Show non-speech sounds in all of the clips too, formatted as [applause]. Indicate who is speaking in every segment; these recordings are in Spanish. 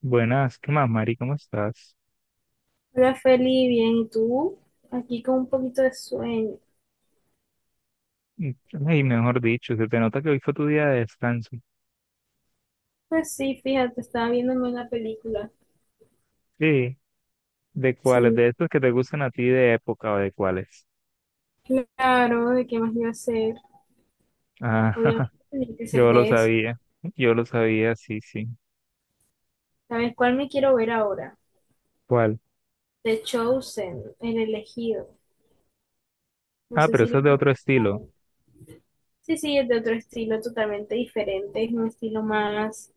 Speaker 1: Buenas, ¿qué más, Mari? ¿Cómo estás?
Speaker 2: Hola Feli, bien, ¿y tú? Aquí con un poquito de sueño.
Speaker 1: Mm. Ay, mejor dicho, se te nota que hoy fue tu día de descanso.
Speaker 2: Pues sí, fíjate, estaba viéndome una película.
Speaker 1: Sí, ¿de cuáles?
Speaker 2: Sí,
Speaker 1: ¿De estos que te gustan a ti de época o de cuáles?
Speaker 2: claro, ¿de qué más iba a ser?
Speaker 1: Ah,
Speaker 2: Obviamente
Speaker 1: [laughs]
Speaker 2: tenía que ser
Speaker 1: yo lo
Speaker 2: de eso.
Speaker 1: sabía, yo lo sabía, sí, sí.
Speaker 2: ¿Sabes cuál me quiero ver ahora?
Speaker 1: ¿Cuál?
Speaker 2: The Chosen, El Elegido. No
Speaker 1: Ah,
Speaker 2: sé
Speaker 1: pero
Speaker 2: si lo
Speaker 1: eso
Speaker 2: has
Speaker 1: es de otro estilo,
Speaker 2: escuchado. Sí, sí, es de otro estilo totalmente diferente, es un estilo más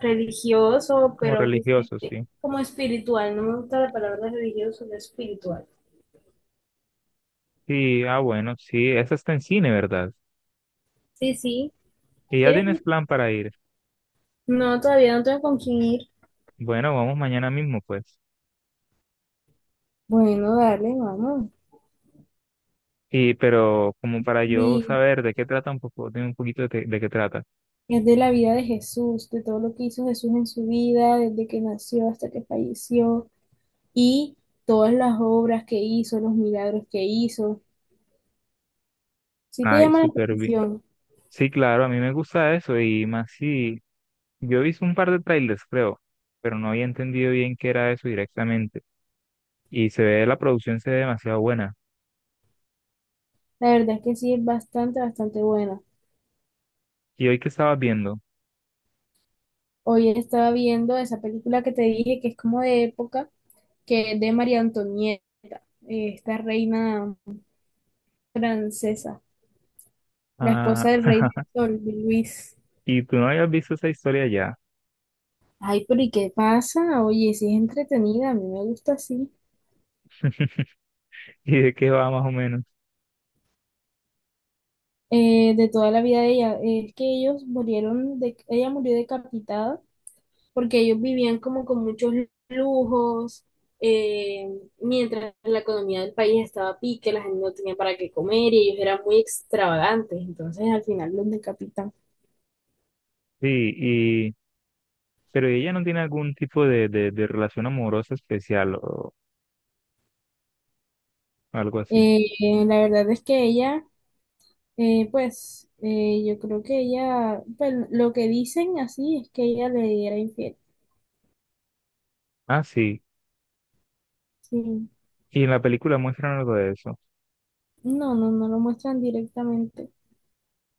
Speaker 2: religioso,
Speaker 1: como
Speaker 2: pero quizás
Speaker 1: religioso, sí.
Speaker 2: como espiritual. No me gusta la palabra religioso, sino espiritual.
Speaker 1: Sí, ah, bueno, sí, esa está en cine, ¿verdad?
Speaker 2: Sí, sí.
Speaker 1: Y ya
Speaker 2: ¿Quieres
Speaker 1: tienes
Speaker 2: ir?
Speaker 1: plan para ir.
Speaker 2: No, todavía no tengo con quién ir.
Speaker 1: Bueno, vamos mañana mismo, pues.
Speaker 2: Bueno, dale, vamos.
Speaker 1: Y, pero como para yo
Speaker 2: Y
Speaker 1: saber de qué trata un poco, de un poquito de qué trata.
Speaker 2: es de la vida de Jesús, de todo lo que hizo Jesús en su vida, desde que nació hasta que falleció, y todas las obras que hizo, los milagros que hizo. Sí te
Speaker 1: Ay,
Speaker 2: llama la
Speaker 1: súper bien.
Speaker 2: atención.
Speaker 1: Sí, claro, a mí me gusta eso y más si yo hice un par de trailers, creo, pero no había entendido bien qué era eso directamente. Y se ve, la producción se ve demasiado buena.
Speaker 2: La verdad es que sí es bastante, bastante buena.
Speaker 1: ¿Y hoy que estabas viendo?
Speaker 2: Hoy estaba viendo esa película que te dije que es como de época, que es de María Antonieta, esta reina francesa, la
Speaker 1: Ah,
Speaker 2: esposa del rey del
Speaker 1: [laughs]
Speaker 2: sol, de Luis.
Speaker 1: y tú no habías visto esa historia ya.
Speaker 2: Ay, pero ¿y qué pasa? Oye, sí es entretenida, a mí me gusta así.
Speaker 1: [laughs] ¿Y de qué va más o menos?
Speaker 2: De toda la vida de ella, es que ellos murieron, de, ella murió decapitada porque ellos vivían como con muchos lujos, eh, mientras la economía del país estaba a pique, la gente no tenía para qué comer y ellos eran muy extravagantes, entonces al final los decapitan.
Speaker 1: Sí, y pero ella no tiene algún tipo de relación amorosa especial o algo así.
Speaker 2: La verdad es que ella, pues, yo creo que ella, pues lo que dicen así es que ella le era infiel.
Speaker 1: Ah, sí.
Speaker 2: Sí.
Speaker 1: Y en la película muestran algo de eso.
Speaker 2: No, no, no lo muestran directamente.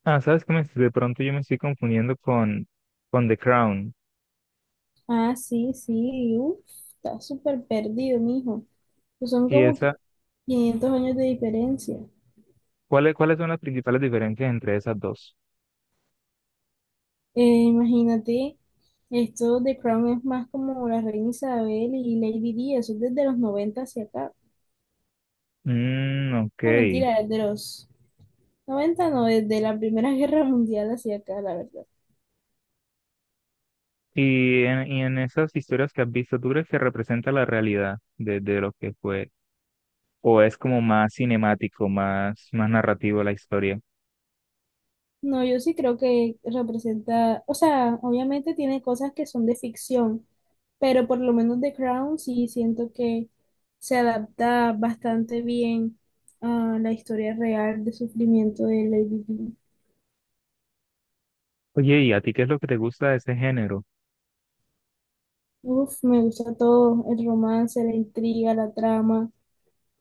Speaker 1: Ah, sabes que de pronto yo me estoy confundiendo con The Crown.
Speaker 2: Ah, sí, sí, uf, está súper perdido, mijo. Pues son
Speaker 1: Y
Speaker 2: como
Speaker 1: esa
Speaker 2: 500 años de diferencia.
Speaker 1: ¿cuáles, cuáles son las principales diferencias entre esas dos?
Speaker 2: Imagínate, esto de Crown es más como la reina Isabel y Lady Di, eso es desde los 90 hacia acá.
Speaker 1: Mm, ok.
Speaker 2: No, mentira, desde los 90 no, desde la Primera [laughs] Guerra Mundial hacia acá, la verdad.
Speaker 1: Y en esas historias que has visto, ¿tú crees que representa la realidad de lo que fue? ¿O es como más cinemático, más, más narrativo la historia?
Speaker 2: No, yo sí creo que representa, o sea, obviamente tiene cosas que son de ficción, pero por lo menos The Crown sí siento que se adapta bastante bien a la historia real de sufrimiento de Lady Di.
Speaker 1: Oye, ¿y a ti qué es lo que te gusta de ese género?
Speaker 2: Uf, me gusta todo, el romance, la intriga, la trama,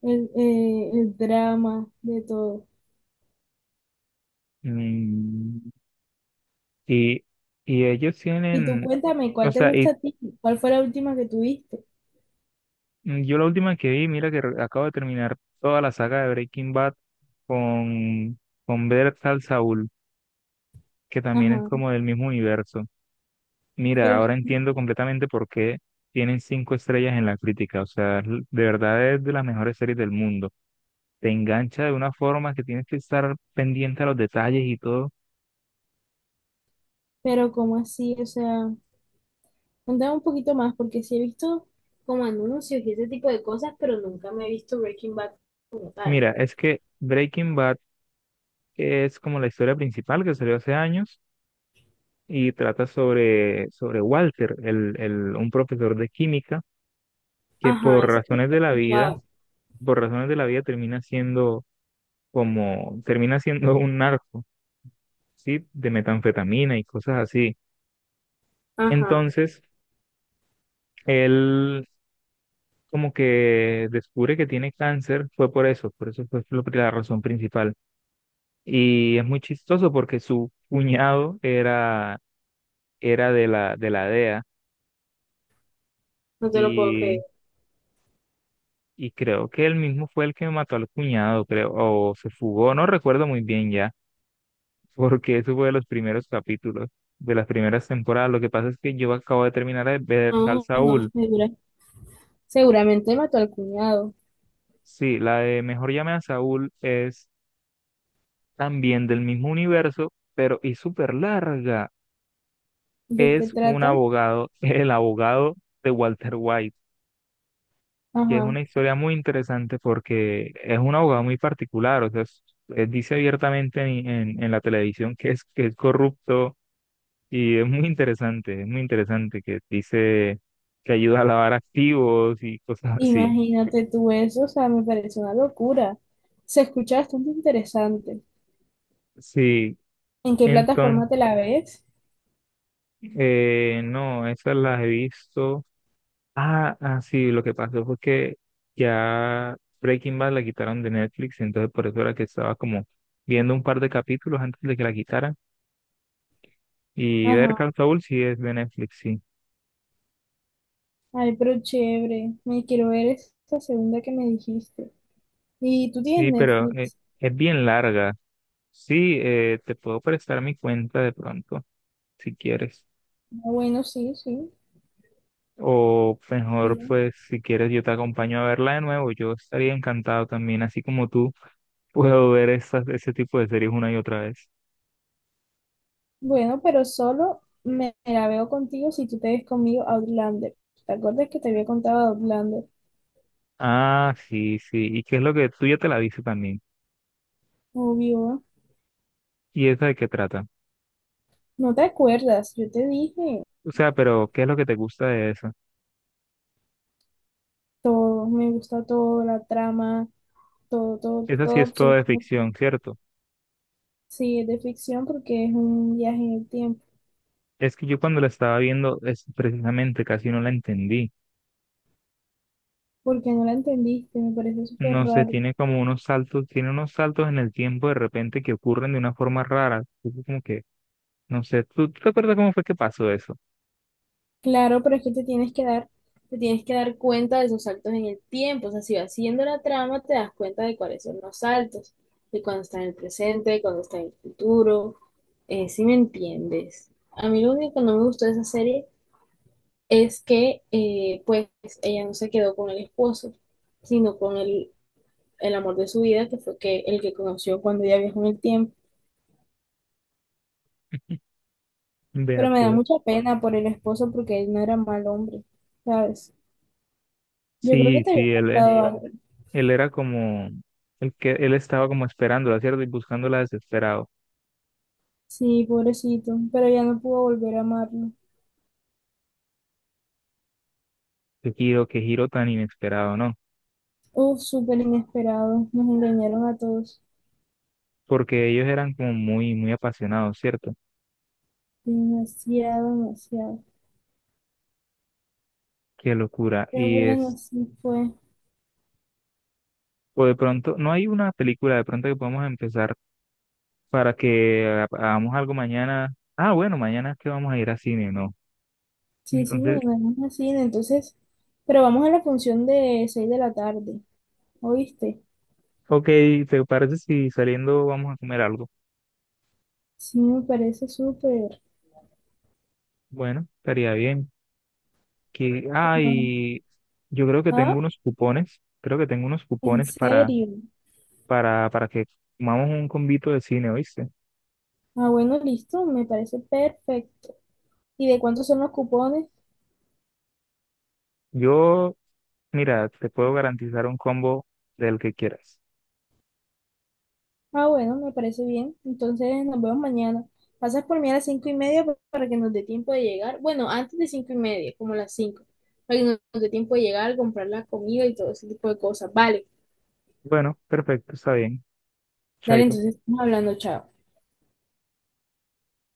Speaker 2: el drama, de todo.
Speaker 1: Mm, y, ellos
Speaker 2: Y tú
Speaker 1: tienen,
Speaker 2: cuéntame,
Speaker 1: o
Speaker 2: ¿cuál te
Speaker 1: sea,
Speaker 2: gusta a ti? ¿Cuál fue la última que tuviste?
Speaker 1: yo la última que vi, mira que acabo de terminar toda la saga de Breaking Bad con, con Better Call Saul, que también es
Speaker 2: Ajá,
Speaker 1: como del mismo universo. Mira,
Speaker 2: pero,
Speaker 1: ahora entiendo completamente por qué tienen cinco estrellas en la crítica. O sea, de verdad es de las mejores series del mundo. Te engancha de una forma que tienes que estar pendiente a los detalles y todo.
Speaker 2: pero ¿cómo así? O sea. Contame un poquito más, porque sí he visto como anuncios y ese tipo de cosas, pero nunca me he visto Breaking Bad como tal.
Speaker 1: Mira, es que Breaking Bad es como la historia principal que salió hace años y trata sobre Walter, un profesor de química que
Speaker 2: Ajá,
Speaker 1: por
Speaker 2: ese sí
Speaker 1: razones
Speaker 2: lo
Speaker 1: de
Speaker 2: he
Speaker 1: la vida,
Speaker 2: escuchado.
Speaker 1: por razones de la vida termina siendo como, termina siendo [laughs] un narco, ¿sí? De metanfetamina y cosas así.
Speaker 2: Ajá,
Speaker 1: Entonces, él como que descubre que tiene cáncer, fue por eso fue la razón principal. Y es muy chistoso porque su cuñado era, era de la DEA
Speaker 2: no te lo puedo
Speaker 1: y,
Speaker 2: creer.
Speaker 1: y creo que él mismo fue el que mató al cuñado, creo, o se fugó, no recuerdo muy bien ya, [laughs] porque eso fue de los primeros capítulos, de las primeras temporadas. Lo que pasa es que yo acabo de terminar de ver Sal
Speaker 2: No, no,
Speaker 1: Saúl.
Speaker 2: seguramente mató al cuñado.
Speaker 1: Sí, la de Mejor llame a Saúl es también del mismo universo, pero y súper larga.
Speaker 2: ¿De qué
Speaker 1: Es un
Speaker 2: trata?
Speaker 1: abogado, [laughs] el abogado de Walter White, que es
Speaker 2: Ajá,
Speaker 1: una historia muy interesante porque es un abogado muy particular, o sea, él dice abiertamente en la televisión que es corrupto y es muy interesante que dice que ayuda a lavar activos y cosas así.
Speaker 2: imagínate tú eso, o sea, me parece una locura. Se escucha bastante interesante.
Speaker 1: Sí,
Speaker 2: ¿En qué
Speaker 1: entonces,
Speaker 2: plataforma te la ves?
Speaker 1: no, esas las he visto. Ah, ah, sí, lo que pasó fue que ya Breaking Bad la quitaron de Netflix, entonces por eso era que estaba como viendo un par de capítulos antes de que la quitaran. Y ver
Speaker 2: Ajá,
Speaker 1: Call Saul sí es de Netflix, sí.
Speaker 2: ay, pero chévere, me quiero ver esa segunda que me dijiste. ¿Y tú
Speaker 1: Sí,
Speaker 2: tienes
Speaker 1: pero
Speaker 2: Netflix?
Speaker 1: es bien larga. Sí, te puedo prestar mi cuenta de pronto, si quieres.
Speaker 2: Ah, bueno, sí, sí.
Speaker 1: O mejor,
Speaker 2: Bueno,
Speaker 1: pues, si quieres, yo te acompaño a verla de nuevo. Yo estaría encantado también, así como tú, [laughs] puedo ver esas, ese tipo de series una y otra vez.
Speaker 2: bueno, pero solo me la veo contigo si tú te ves conmigo a Outlander. ¿Te acuerdas que te había contado de Outlander?
Speaker 1: Ah, sí, sí. ¿Y qué es lo que tú ya te la viste también?
Speaker 2: Obvio.
Speaker 1: ¿Y esa de qué trata?
Speaker 2: No te acuerdas, yo te dije
Speaker 1: O sea, pero ¿qué es lo que te gusta de esa?
Speaker 2: todo, me gusta todo, la trama, todo, todo,
Speaker 1: Esa sí
Speaker 2: todo,
Speaker 1: es toda de
Speaker 2: absolutamente.
Speaker 1: ficción, ¿cierto?
Speaker 2: Sí, es de ficción porque es un viaje en el tiempo.
Speaker 1: Es que yo cuando la estaba viendo, es precisamente casi no la entendí.
Speaker 2: Porque no la entendiste, me parece súper
Speaker 1: No sé,
Speaker 2: raro.
Speaker 1: tiene como unos saltos, tiene unos saltos en el tiempo de repente que ocurren de una forma rara. Es como que, no sé, ¿tú, tú te acuerdas cómo fue que pasó eso?
Speaker 2: Claro, pero es que te tienes que dar cuenta de esos saltos en el tiempo. O sea, si vas siguiendo la trama, te das cuenta de cuáles son los saltos, de cuando está en el presente, de cuando está en el futuro. Si me entiendes. A mí lo único que no me gustó de esa serie es que, pues, ella no se quedó con el esposo, sino con el amor de su vida, que fue que, el que conoció cuando ella viajó en el tiempo.
Speaker 1: Vea,
Speaker 2: Pero me da
Speaker 1: pues.
Speaker 2: mucha pena por el esposo porque él no era mal hombre, ¿sabes? Yo creo
Speaker 1: Sí,
Speaker 2: que te había
Speaker 1: sí,
Speaker 2: Sí, contado
Speaker 1: él era como, el que él estaba como esperándola, ¿cierto? Y buscándola desesperado.
Speaker 2: Sí, pobrecito, pero ya no pudo volver a amarlo.
Speaker 1: Qué giro tan inesperado, ¿no?
Speaker 2: Uf, súper inesperado, nos engañaron a todos.
Speaker 1: Porque ellos eran como muy, muy apasionados, ¿cierto?
Speaker 2: Demasiado, demasiado.
Speaker 1: Qué locura.
Speaker 2: Pero
Speaker 1: Y
Speaker 2: bueno,
Speaker 1: es,
Speaker 2: así fue.
Speaker 1: o de pronto, no hay una película de pronto que podemos empezar para que hagamos algo mañana. Ah, bueno, mañana es que vamos a ir a cine, ¿no?
Speaker 2: Sí, sí,
Speaker 1: Entonces,
Speaker 2: mañana vamos a cine, entonces. Pero vamos a la función de 6 de la tarde, ¿oíste?
Speaker 1: ok, ¿te parece si saliendo vamos a comer algo?
Speaker 2: Sí, me parece súper.
Speaker 1: Bueno, estaría bien. Que, ah, y yo creo que tengo
Speaker 2: Ah,
Speaker 1: unos cupones, creo que tengo unos
Speaker 2: ¿en
Speaker 1: cupones para,
Speaker 2: serio?
Speaker 1: para, para que comamos un combito de cine, ¿oíste?
Speaker 2: Ah, bueno, listo, me parece perfecto. ¿Y de cuántos son los cupones?
Speaker 1: Yo, mira, te puedo garantizar un combo del que quieras.
Speaker 2: Ah, bueno, me parece bien. Entonces nos vemos mañana. Pasas por mí a las 5:30 para que nos dé tiempo de llegar. Bueno, antes de 5:30, como las 5, para que nos dé tiempo de llegar, comprar la comida y todo ese tipo de cosas. Vale,
Speaker 1: Bueno, perfecto, está bien.
Speaker 2: dale,
Speaker 1: Chaito.
Speaker 2: entonces estamos hablando, chao.